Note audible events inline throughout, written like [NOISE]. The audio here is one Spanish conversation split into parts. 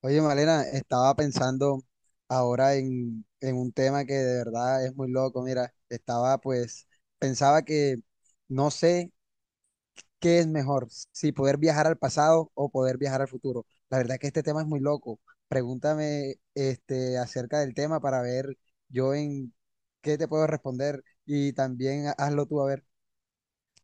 Oye, Malena, estaba pensando ahora en un tema que de verdad es muy loco. Mira, estaba pues, pensaba que no sé qué es mejor, si poder viajar al pasado o poder viajar al futuro. La verdad que este tema es muy loco. Pregúntame este, acerca del tema para ver yo en qué te puedo responder y también hazlo tú a ver.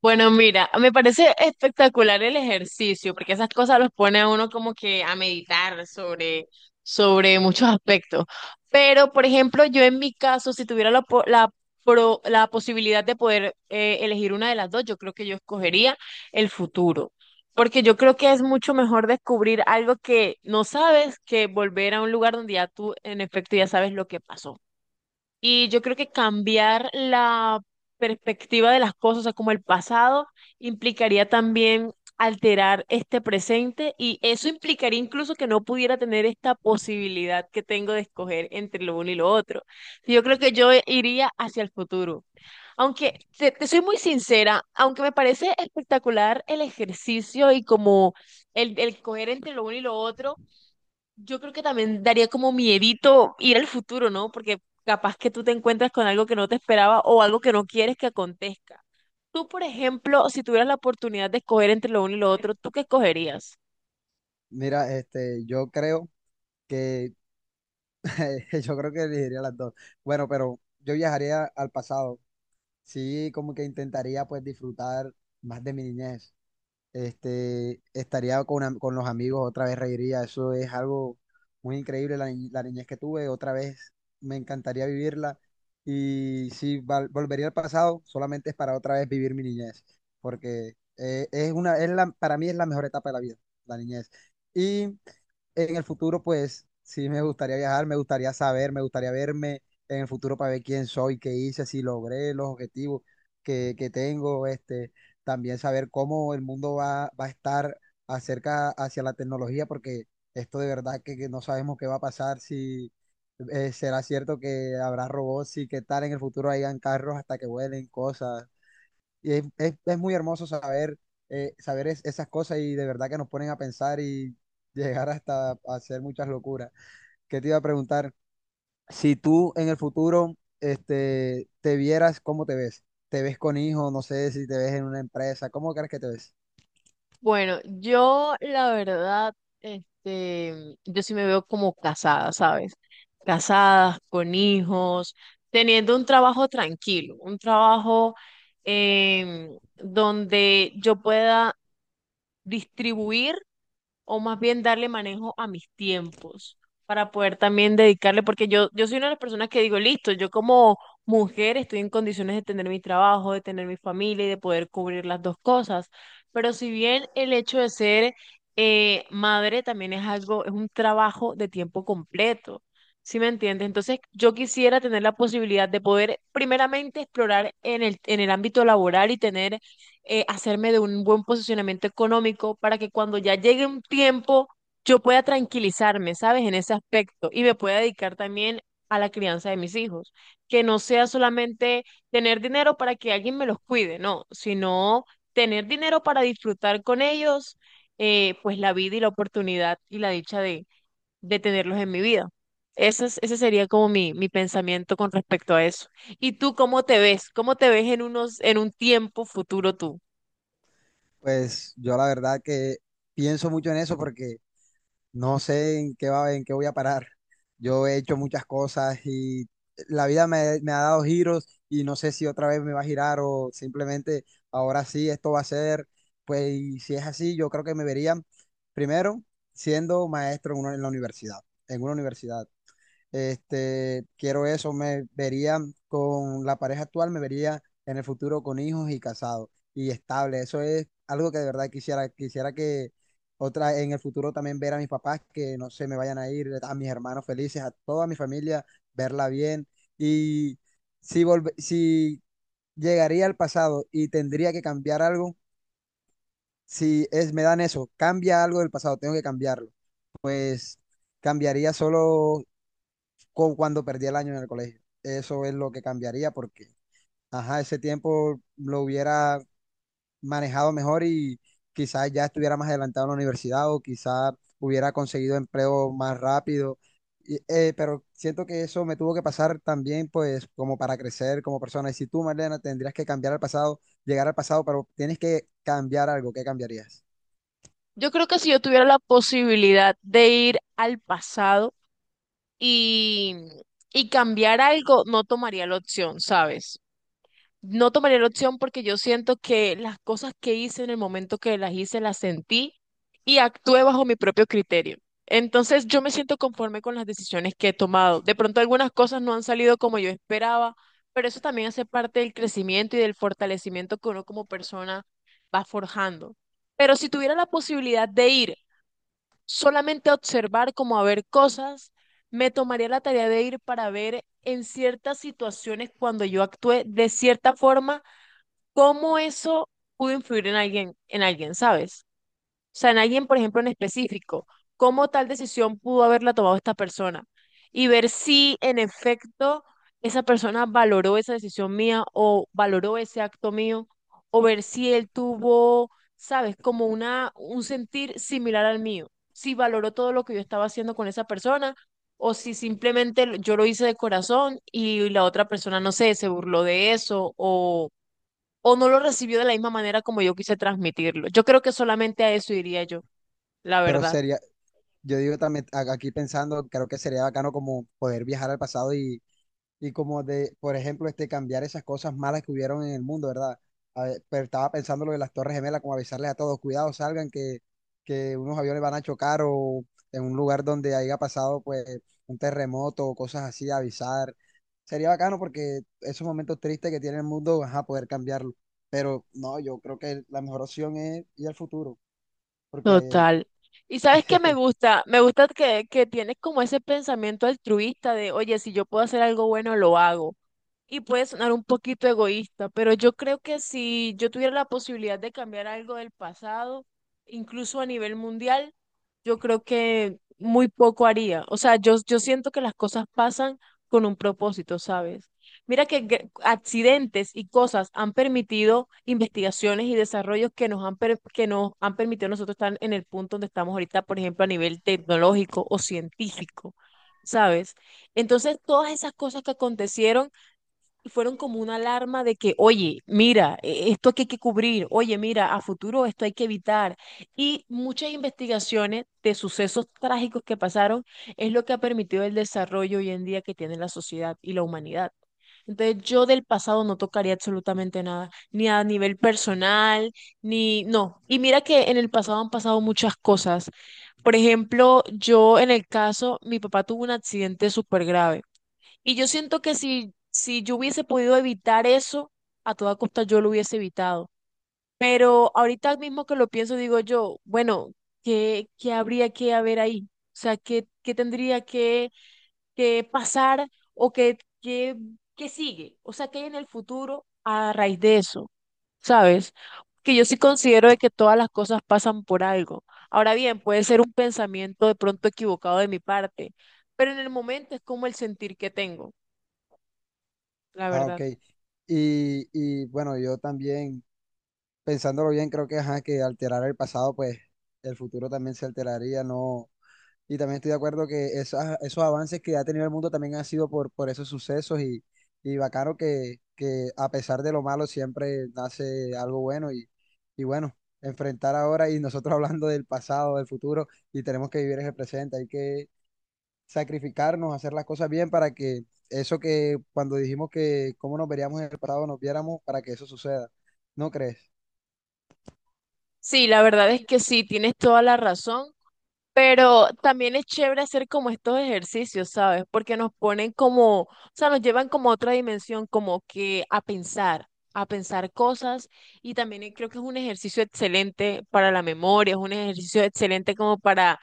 Bueno, mira, me parece espectacular el ejercicio, porque esas cosas los pone a uno como que a meditar sobre muchos aspectos. Pero, por ejemplo, yo en mi caso, si tuviera la, po- la, pro- la posibilidad de poder elegir una de las dos, yo creo que yo escogería el futuro, porque yo creo que es mucho mejor descubrir algo que no sabes que volver a un lugar donde ya tú, en efecto, ya sabes lo que pasó. Y yo creo que cambiar la perspectiva de las cosas, o sea, como el pasado, implicaría también alterar este presente y eso implicaría incluso que no pudiera tener esta posibilidad que tengo de escoger entre lo uno y lo otro. Yo creo que yo iría hacia el futuro. Aunque te soy muy sincera, aunque me parece espectacular el ejercicio y como el coger entre lo uno y lo otro, yo creo que también daría como miedito ir al futuro, ¿no? Porque capaz que tú te encuentras con algo que no te esperaba o algo que no quieres que acontezca. Tú, por ejemplo, si tuvieras la oportunidad de escoger entre lo uno y lo otro, ¿tú qué escogerías? Mira, este, yo creo que, [LAUGHS] yo creo que elegiría las dos. Bueno, pero yo viajaría al pasado sí, como que intentaría pues disfrutar más de mi niñez. Este, estaría con, con los amigos, otra vez reiría. Eso es algo muy increíble, la, la niñez que tuve, otra vez me encantaría vivirla. Y si volvería al pasado, solamente es para otra vez vivir mi niñez, porque es una, es la, para mí es la mejor etapa de la vida, la niñez. Y en el futuro, pues sí me gustaría viajar, me gustaría saber, me gustaría verme en el futuro para ver quién soy, qué hice, si logré los objetivos que tengo, este también saber cómo el mundo va, va a estar acerca hacia la tecnología, porque esto de verdad que no sabemos qué va a pasar, si será cierto que habrá robots y qué tal en el futuro hayan carros hasta que vuelen cosas. Y es, es muy hermoso saber, saber esas cosas y de verdad que nos ponen a pensar y [LAUGHS] llegar hasta a hacer muchas locuras. ¿Qué te iba a preguntar? Si tú en el futuro este, te vieras, ¿cómo te ves? ¿Te ves con hijos? No sé si te ves en una empresa. ¿Cómo crees que te ves? Bueno, yo la verdad, este, yo sí me veo como casada, ¿sabes? Casada, con hijos, teniendo un trabajo tranquilo, un trabajo donde yo pueda distribuir. O más bien darle manejo a mis tiempos para poder también dedicarle, porque yo soy una de las personas que digo, listo, yo como mujer estoy en condiciones de tener mi trabajo, de tener mi familia y de poder cubrir las dos cosas, pero si bien el hecho de ser madre también es algo, es un trabajo de tiempo completo. ¿Sí me entiendes? Entonces, yo quisiera tener la posibilidad de poder primeramente explorar en el ámbito laboral y tener hacerme de un buen posicionamiento económico para que cuando ya llegue un tiempo yo pueda tranquilizarme, ¿sabes? En ese aspecto y me pueda dedicar también a la crianza de mis hijos, que no sea solamente tener dinero para que alguien me los cuide, no, sino tener dinero para disfrutar con ellos, pues la vida y la oportunidad y la dicha de tenerlos en mi vida. Ese sería como mi pensamiento con respecto a eso. ¿Y tú cómo te ves? ¿Cómo te ves en unos, en un tiempo futuro tú? Pues yo la verdad que pienso mucho en eso porque no sé en qué va, en qué voy a parar. Yo he hecho muchas cosas y la vida me ha dado giros y no sé si otra vez me va a girar o simplemente ahora sí esto va a ser. Pues y si es así, yo creo que me vería primero siendo maestro en, en la universidad, en una universidad. Este, quiero eso, me vería con la pareja actual, me vería en el futuro con hijos y casado y estable. Eso es algo que de verdad quisiera, quisiera que otra en el futuro también ver a mis papás que no se me vayan a ir, a mis hermanos felices, a toda mi familia, verla bien. Y si si llegaría al pasado y tendría que cambiar algo, si es, me dan eso, cambia algo del pasado, tengo que cambiarlo. Pues cambiaría solo cuando perdí el año en el colegio. Eso es lo que cambiaría porque, ajá, ese tiempo lo hubiera manejado mejor y quizás ya estuviera más adelantado en la universidad o quizás hubiera conseguido empleo más rápido. Y, pero siento que eso me tuvo que pasar también, pues, como para crecer como persona. Y si tú, Marlena, tendrías que cambiar al pasado, llegar al pasado, pero tienes que cambiar algo, ¿qué cambiarías? Yo creo que si yo tuviera la posibilidad de ir al pasado y, y cambiar algo, no tomaría la opción, ¿sabes? No tomaría la opción porque yo siento que las cosas que hice en el momento que las hice, las sentí y actué bajo mi propio criterio. Entonces yo me siento conforme con las decisiones que he tomado. De pronto algunas cosas no han salido como yo esperaba, pero eso también hace parte del crecimiento y del fortalecimiento que uno como persona va forjando. Pero si tuviera la posibilidad de ir solamente observar como a ver cosas, me tomaría la tarea de ir para ver en ciertas situaciones cuando yo actué de cierta forma, cómo eso pudo influir en alguien, ¿sabes? Sea, en alguien, por ejemplo, en específico, cómo tal decisión pudo haberla tomado esta persona y ver si en efecto esa persona valoró esa decisión mía o valoró ese acto mío o ver si él tuvo, sabes, como una, un sentir similar al mío, si valoró todo lo que yo estaba haciendo con esa persona o si simplemente yo lo hice de corazón y la otra persona, no sé, se burló de eso o no lo recibió de la misma manera como yo quise transmitirlo. Yo creo que solamente a eso iría yo, la Pero verdad. sería, yo digo también, aquí pensando, creo que sería bacano como poder viajar al pasado y como de, por ejemplo, este, cambiar esas cosas malas que hubieron en el mundo, ¿verdad? A ver, pero estaba pensando lo de las Torres Gemelas, como avisarles a todos, cuidado, salgan, que unos aviones van a chocar o en un lugar donde haya pasado pues un terremoto o cosas así, avisar. Sería bacano porque esos momentos tristes que tiene el mundo, a poder cambiarlo. Pero no, yo creo que la mejor opción es ir al futuro, porque... Total. ¿Y sabes qué me eh, gusta? Me gusta que tienes como ese pensamiento altruista de, oye, si yo puedo hacer algo bueno, lo hago. Y puede sonar un poquito egoísta, pero yo creo que si yo tuviera la posibilidad de cambiar algo del pasado, incluso a nivel mundial, yo creo que muy poco haría. O sea, yo siento que las cosas pasan con un propósito, ¿sabes? Mira que accidentes y cosas han permitido investigaciones y desarrollos que nos han permitido nosotros estar en el punto donde estamos ahorita, por ejemplo, a nivel tecnológico o científico, ¿sabes? Entonces, todas esas cosas que acontecieron y fueron como una alarma de que, oye, mira, esto aquí hay que cubrir, oye, mira, a futuro esto hay que evitar. Y muchas investigaciones de sucesos trágicos que pasaron es lo que ha permitido el desarrollo hoy en día que tiene la sociedad y la humanidad. Entonces yo del pasado no tocaría absolutamente nada, ni a nivel personal, ni no. Y mira que en el pasado han pasado muchas cosas. Por ejemplo, yo en el caso, mi papá tuvo un accidente súper grave. Y yo siento que si yo hubiese podido evitar eso, a toda costa yo lo hubiese evitado. Pero ahorita mismo que lo pienso, digo yo, bueno, ¿qué habría que haber ahí? O sea, ¿qué tendría que pasar o qué sigue? O sea, ¿qué hay en el futuro a raíz de eso? ¿Sabes? Que yo sí considero de que todas las cosas pasan por algo. Ahora bien, puede ser un pensamiento de pronto equivocado de mi parte, pero en el momento es como el sentir que tengo. La [LAUGHS] Ah, ok. verdad. Y bueno, yo también pensándolo bien, creo que, ajá, que alterar el pasado, pues el futuro también se alteraría, ¿no? Y también estoy de acuerdo que esos avances que ha tenido el mundo también han sido por esos sucesos y bacano que a pesar de lo malo siempre nace algo bueno y bueno, enfrentar ahora y nosotros [LAUGHS] hablando del pasado, del futuro y tenemos que vivir en el presente, hay que sacrificarnos, hacer las cosas bien para que eso que cuando dijimos que cómo nos veríamos en el pasado nos viéramos para que eso suceda, ¿no crees? Sí, la verdad es que sí, tienes toda la razón, pero también es chévere hacer como estos ejercicios, ¿sabes? Porque nos ponen como, o sea, nos llevan como a otra dimensión, como que a pensar cosas y también creo que es un ejercicio excelente para la memoria, es un ejercicio excelente como para,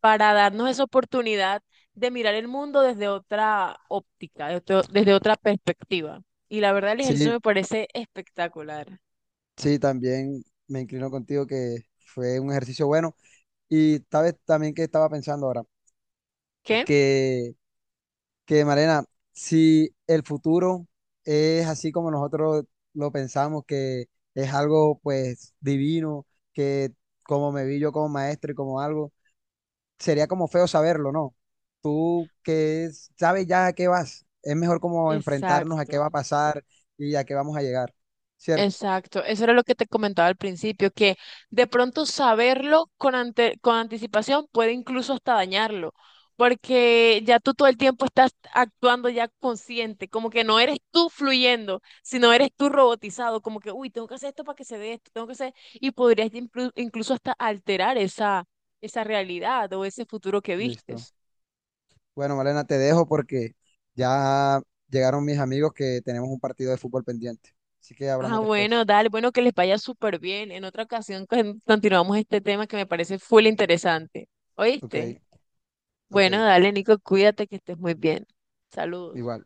para darnos esa oportunidad de mirar el mundo desde otra óptica, de desde otra perspectiva. Y la verdad el ejercicio Sí, me parece espectacular. sí, también me inclino contigo que fue un ejercicio bueno. Y sabes también que estaba pensando ahora, ¿Qué? que, que Marena, si el futuro es así como nosotros lo pensamos, que es algo pues divino, que como me vi yo como maestro y como algo, sería como feo saberlo, ¿no? Tú que sabes ya a qué vas, es mejor como enfrentarnos a qué va a Exacto. pasar y a qué vamos a llegar, ¿cierto? Exacto, eso era lo que te comentaba al principio, que de pronto saberlo con, con anticipación puede incluso hasta dañarlo, porque ya tú todo el tiempo estás actuando ya consciente, como que no eres tú fluyendo, sino eres tú robotizado, como que, uy, tengo que hacer esto para que se dé esto, tengo que hacer, y podrías incluso hasta alterar esa, esa realidad o ese futuro que Listo. vistes. Bueno, Malena, te dejo porque ya llegaron mis amigos que tenemos un partido de fútbol pendiente. Así que Ah, hablamos después. bueno, dale, bueno, que les vaya súper bien. En otra ocasión continuamos este tema que me parece full interesante. Ok, ¿Oíste? ok, Bueno, dale, Nico, cuídate que estés muy bien. Saludos. igual.